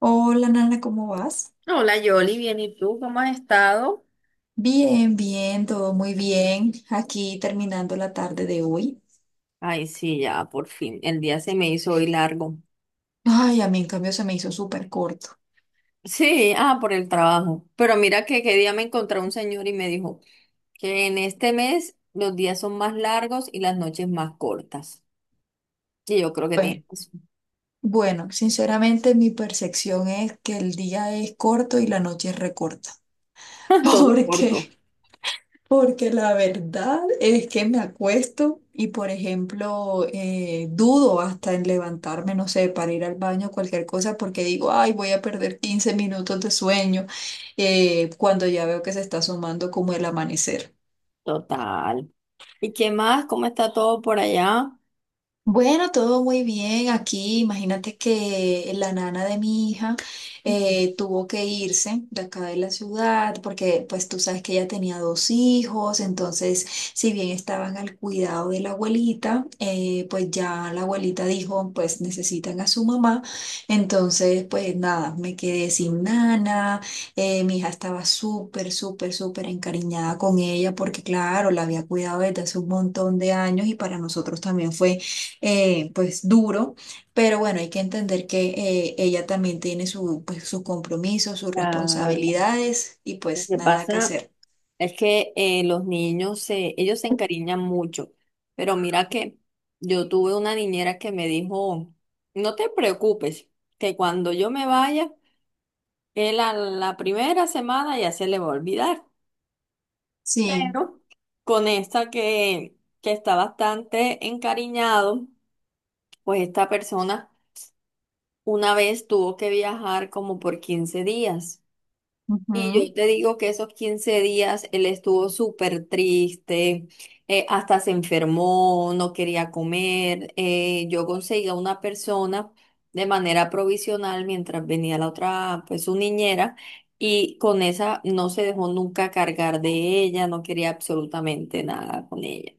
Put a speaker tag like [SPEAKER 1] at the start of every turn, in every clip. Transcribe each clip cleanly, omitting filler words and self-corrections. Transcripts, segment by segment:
[SPEAKER 1] Hola Nana, ¿cómo vas?
[SPEAKER 2] Hola Yoli, bien, ¿y tú cómo has estado?
[SPEAKER 1] Bien, bien, todo muy bien. Aquí terminando la tarde de hoy.
[SPEAKER 2] Ay, sí, ya, por fin. El día se me hizo hoy largo.
[SPEAKER 1] Ay, a mí en cambio se me hizo súper corto.
[SPEAKER 2] Sí, ah, por el trabajo. Pero mira que qué día me encontré un señor y me dijo que en este mes los días son más largos y las noches más cortas. Y yo creo que tiene
[SPEAKER 1] Bue-
[SPEAKER 2] razón.
[SPEAKER 1] Bueno, sinceramente mi percepción es que el día es corto y la noche es recorta.
[SPEAKER 2] Todo es
[SPEAKER 1] ¿Por qué?
[SPEAKER 2] corto.
[SPEAKER 1] Porque la verdad es que me acuesto y, por ejemplo, dudo hasta en levantarme, no sé, para ir al baño o cualquier cosa, porque digo, ay, voy a perder 15 minutos de sueño cuando ya veo que se está asomando como el amanecer.
[SPEAKER 2] Total. ¿Y qué más? ¿Cómo está todo por allá?
[SPEAKER 1] Bueno, todo muy bien aquí. Imagínate que la nana de mi hija tuvo que irse de acá de la ciudad porque pues tú sabes que ella tenía dos hijos, entonces si bien estaban al cuidado de la abuelita, pues ya la abuelita dijo pues necesitan a su mamá, entonces pues nada, me quedé sin nana, mi hija estaba súper, súper, súper encariñada con ella porque claro, la había cuidado desde hace un montón de años y para nosotros también fue pues duro, pero bueno, hay que entender que ella también tiene su, pues, sus compromisos, sus
[SPEAKER 2] Claro,
[SPEAKER 1] responsabilidades y
[SPEAKER 2] ¿lo
[SPEAKER 1] pues
[SPEAKER 2] que
[SPEAKER 1] nada que
[SPEAKER 2] pasa?
[SPEAKER 1] hacer.
[SPEAKER 2] Es que los niños ellos se encariñan mucho, pero mira que yo tuve una niñera que me dijo, no te preocupes, que cuando yo me vaya, él a la primera semana ya se le va a olvidar.
[SPEAKER 1] Sí.
[SPEAKER 2] Pero con esta que está bastante encariñado, pues esta persona una vez tuvo que viajar como por 15 días. Y
[SPEAKER 1] Ujú.
[SPEAKER 2] yo te digo que esos 15 días él estuvo súper triste, hasta se enfermó, no quería comer. Yo conseguía una persona de manera provisional mientras venía la otra, pues su niñera, y con esa no se dejó nunca cargar de ella, no quería absolutamente nada con ella.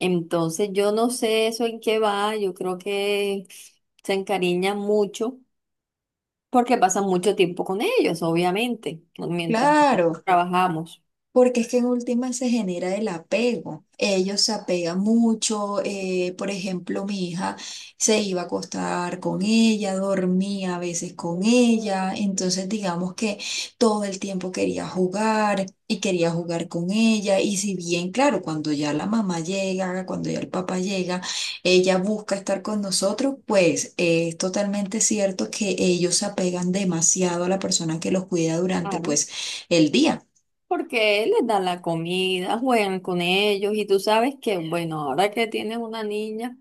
[SPEAKER 2] Entonces yo no sé eso en qué va, yo creo que se encariña mucho porque pasan mucho tiempo con ellos, obviamente, ¿no?, mientras
[SPEAKER 1] Claro.
[SPEAKER 2] trabajamos.
[SPEAKER 1] Porque es que en última se genera el apego. Ellos se apegan mucho. Por ejemplo, mi hija se iba a acostar con ella, dormía a veces con ella. Entonces, digamos que todo el tiempo quería jugar y quería jugar con ella. Y si bien, claro, cuando ya la mamá llega, cuando ya el papá llega, ella busca estar con nosotros, pues es totalmente cierto que ellos se apegan demasiado a la persona que los cuida durante,
[SPEAKER 2] Claro.
[SPEAKER 1] pues, el día.
[SPEAKER 2] Porque les dan la comida, juegan con ellos y tú sabes que, bueno, ahora que tienes una niña,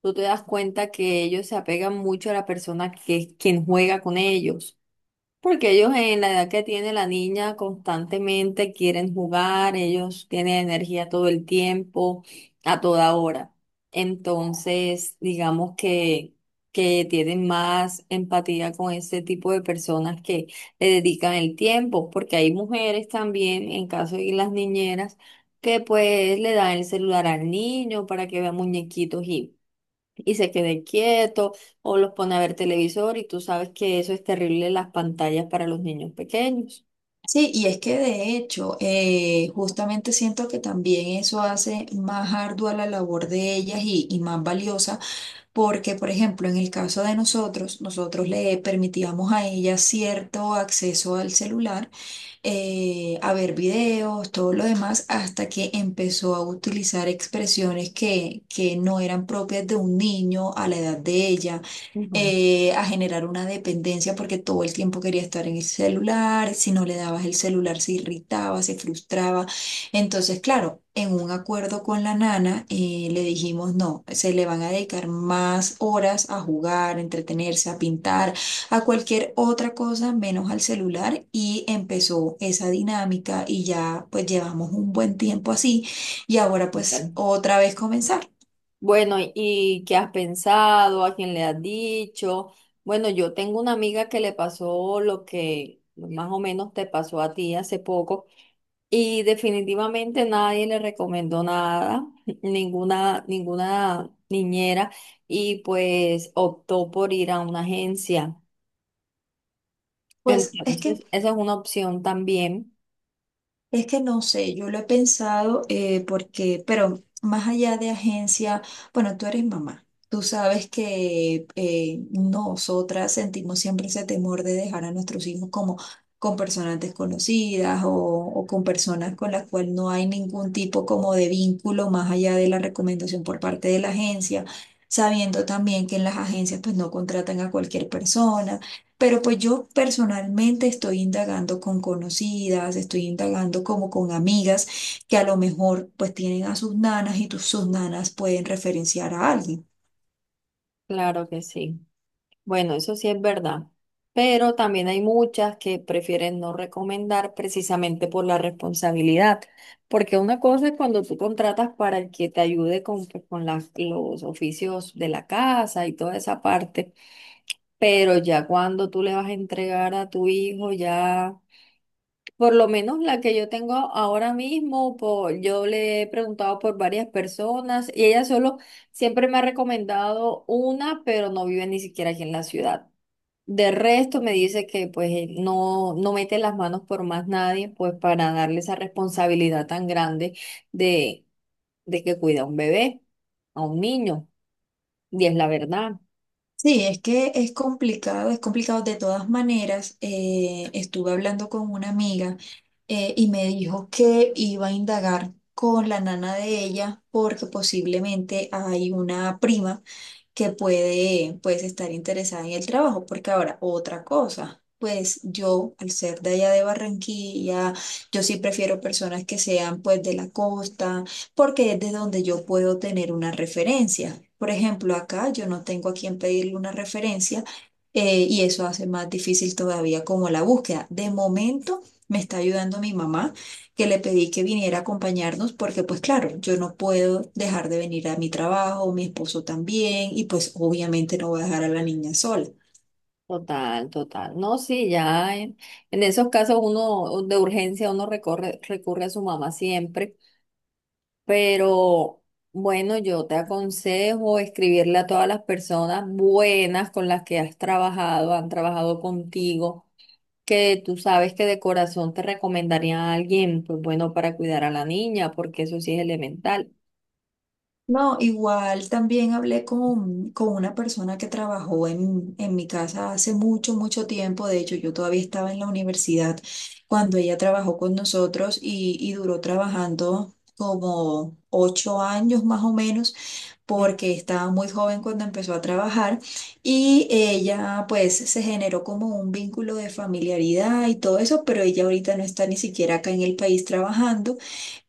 [SPEAKER 2] tú te das cuenta que ellos se apegan mucho a la persona que es quien juega con ellos. Porque ellos en la edad que tiene la niña constantemente quieren jugar, ellos tienen energía todo el tiempo, a toda hora. Entonces, digamos que tienen más empatía con ese tipo de personas que le dedican el tiempo, porque hay mujeres también, en caso de las niñeras, que pues le dan el celular al niño para que vea muñequitos y se quede quieto o los pone a ver televisor y tú sabes que eso es terrible las pantallas para los niños pequeños.
[SPEAKER 1] Sí, y es que de hecho, justamente siento que también eso hace más ardua la labor de ellas y, más valiosa, porque, por ejemplo, en el caso de nosotros, nosotros le permitíamos a ellas cierto acceso al celular a ver videos, todo lo demás, hasta que empezó a utilizar expresiones que no eran propias de un niño a la edad de ella.
[SPEAKER 2] Ujú,
[SPEAKER 1] A generar una dependencia porque todo el tiempo quería estar en el celular, si no le dabas el celular se irritaba, se frustraba. Entonces, claro, en un acuerdo con la nana le dijimos, no, se le van a dedicar más horas a jugar, a entretenerse, a pintar, a cualquier otra cosa menos al celular y empezó esa dinámica y ya pues llevamos un buen tiempo así y ahora pues
[SPEAKER 2] súper.
[SPEAKER 1] otra vez comenzar.
[SPEAKER 2] Bueno, ¿y qué has pensado? ¿A quién le has dicho? Bueno, yo tengo una amiga que le pasó lo que más o menos te pasó a ti hace poco y definitivamente nadie le recomendó nada, ninguna niñera y pues optó por ir a una agencia.
[SPEAKER 1] Pues es que
[SPEAKER 2] Entonces, esa es una opción también,
[SPEAKER 1] Es que no sé, yo lo he pensado porque, pero más allá de agencia, bueno, tú eres mamá. Tú sabes que nosotras sentimos siempre ese temor de dejar a nuestros hijos como con personas desconocidas o con personas con las cuales no hay ningún tipo como de vínculo más allá de la recomendación por parte de la agencia, sabiendo también que en las agencias pues no contratan a cualquier persona. Pero pues yo personalmente estoy indagando con conocidas, estoy indagando como con amigas que a lo mejor pues tienen a sus nanas y sus nanas pueden referenciar a alguien.
[SPEAKER 2] claro que sí. Bueno, eso sí es verdad, pero también hay muchas que prefieren no recomendar precisamente por la responsabilidad, porque una cosa es cuando tú contratas para el que te ayude con, pues, con los oficios de la casa y toda esa parte, pero ya cuando tú le vas a entregar a tu hijo, ya... Por lo menos la que yo tengo ahora mismo, por, yo le he preguntado por varias personas y ella solo siempre me ha recomendado una, pero no vive ni siquiera aquí en la ciudad. De resto me dice que pues no, no mete las manos por más nadie, pues para darle esa responsabilidad tan grande de, de que cuida a un bebé, a un niño, y es la verdad.
[SPEAKER 1] Sí, es que es complicado de todas maneras. Estuve hablando con una amiga y me dijo que iba a indagar con la nana de ella porque posiblemente hay una prima que puede pues estar interesada en el trabajo, porque ahora otra cosa. Pues yo, al ser de allá de Barranquilla, yo sí prefiero personas que sean pues de la costa, porque es de donde yo puedo tener una referencia. Por ejemplo, acá yo no tengo a quien pedirle una referencia y eso hace más difícil todavía como la búsqueda. De momento, me está ayudando mi mamá, que le pedí que viniera a acompañarnos porque pues claro, yo no puedo dejar de venir a mi trabajo, mi esposo también, y pues obviamente no voy a dejar a la niña sola.
[SPEAKER 2] Total, total. No, sí, ya en esos casos uno de urgencia uno recurre a su mamá siempre. Pero bueno, yo te aconsejo escribirle a todas las personas buenas con las que has trabajado, han trabajado contigo, que tú sabes que de corazón te recomendaría a alguien, pues bueno, para cuidar a la niña, porque eso sí es elemental.
[SPEAKER 1] No, igual también hablé con una persona que trabajó en mi casa hace mucho, mucho tiempo. De hecho, yo todavía estaba en la universidad cuando ella trabajó con nosotros y, duró trabajando como 8 años más o menos. Porque estaba muy joven cuando empezó a trabajar y ella pues se generó como un vínculo de familiaridad y todo eso, pero ella ahorita no está ni siquiera acá en el país trabajando.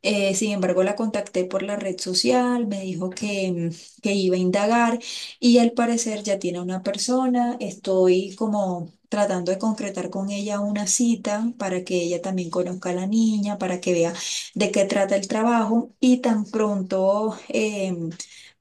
[SPEAKER 1] Sin embargo, la contacté por la red social, me dijo que iba a indagar y al parecer ya tiene una persona. Estoy como tratando de concretar con ella una cita para que ella también conozca a la niña, para que vea de qué trata el trabajo y tan pronto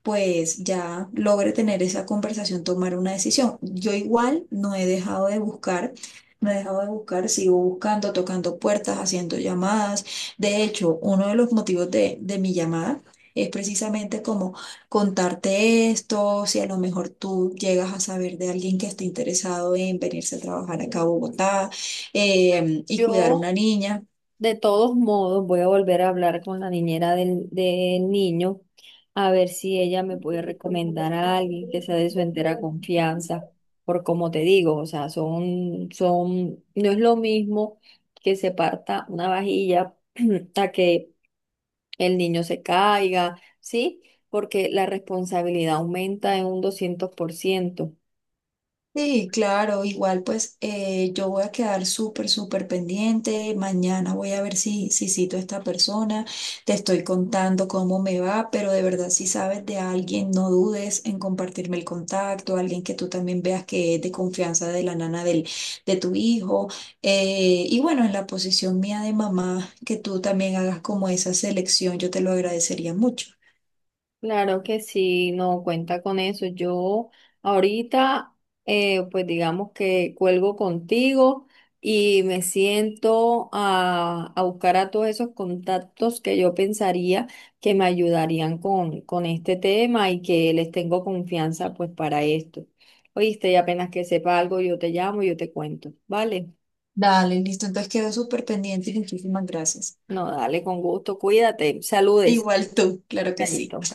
[SPEAKER 1] pues ya logre tener esa conversación, tomar una decisión. Yo igual no he dejado de buscar, no he dejado de buscar, sigo buscando, tocando puertas, haciendo llamadas, de hecho, uno de los motivos de, mi llamada es precisamente como contarte esto, si a lo mejor tú llegas a saber de alguien que esté interesado en venirse a trabajar acá a Bogotá y cuidar
[SPEAKER 2] Yo
[SPEAKER 1] una niña.
[SPEAKER 2] De todos modos, voy a volver a hablar con la niñera del niño a ver si ella me puede recomendar a alguien que sea de su entera confianza, por como te digo, o sea, son, no es lo mismo que se parta una vajilla a que el niño se caiga, ¿sí? Porque la responsabilidad aumenta en un 200 por ciento.
[SPEAKER 1] Sí, claro, igual pues yo voy a quedar súper, súper pendiente. Mañana voy a ver si, cito a esta persona. Te estoy contando cómo me va, pero de verdad si sabes de alguien, no dudes en compartirme el contacto, alguien que tú también veas que es de confianza de la nana del, de tu hijo. Y bueno, en la posición mía de mamá, que tú también hagas como esa selección, yo te lo agradecería mucho.
[SPEAKER 2] Claro que sí, no cuenta con eso. Yo ahorita, pues digamos que cuelgo contigo y me siento a buscar a todos esos contactos que yo pensaría que me ayudarían con este tema y que les tengo confianza pues para esto. Oíste, y apenas que sepa algo, yo te llamo y yo te cuento. ¿Vale?
[SPEAKER 1] Dale, listo, entonces quedo súper pendiente y muchísimas gracias.
[SPEAKER 2] No, dale, con gusto. Cuídate. Saludes.
[SPEAKER 1] Igual tú, claro que sí.
[SPEAKER 2] Nayito.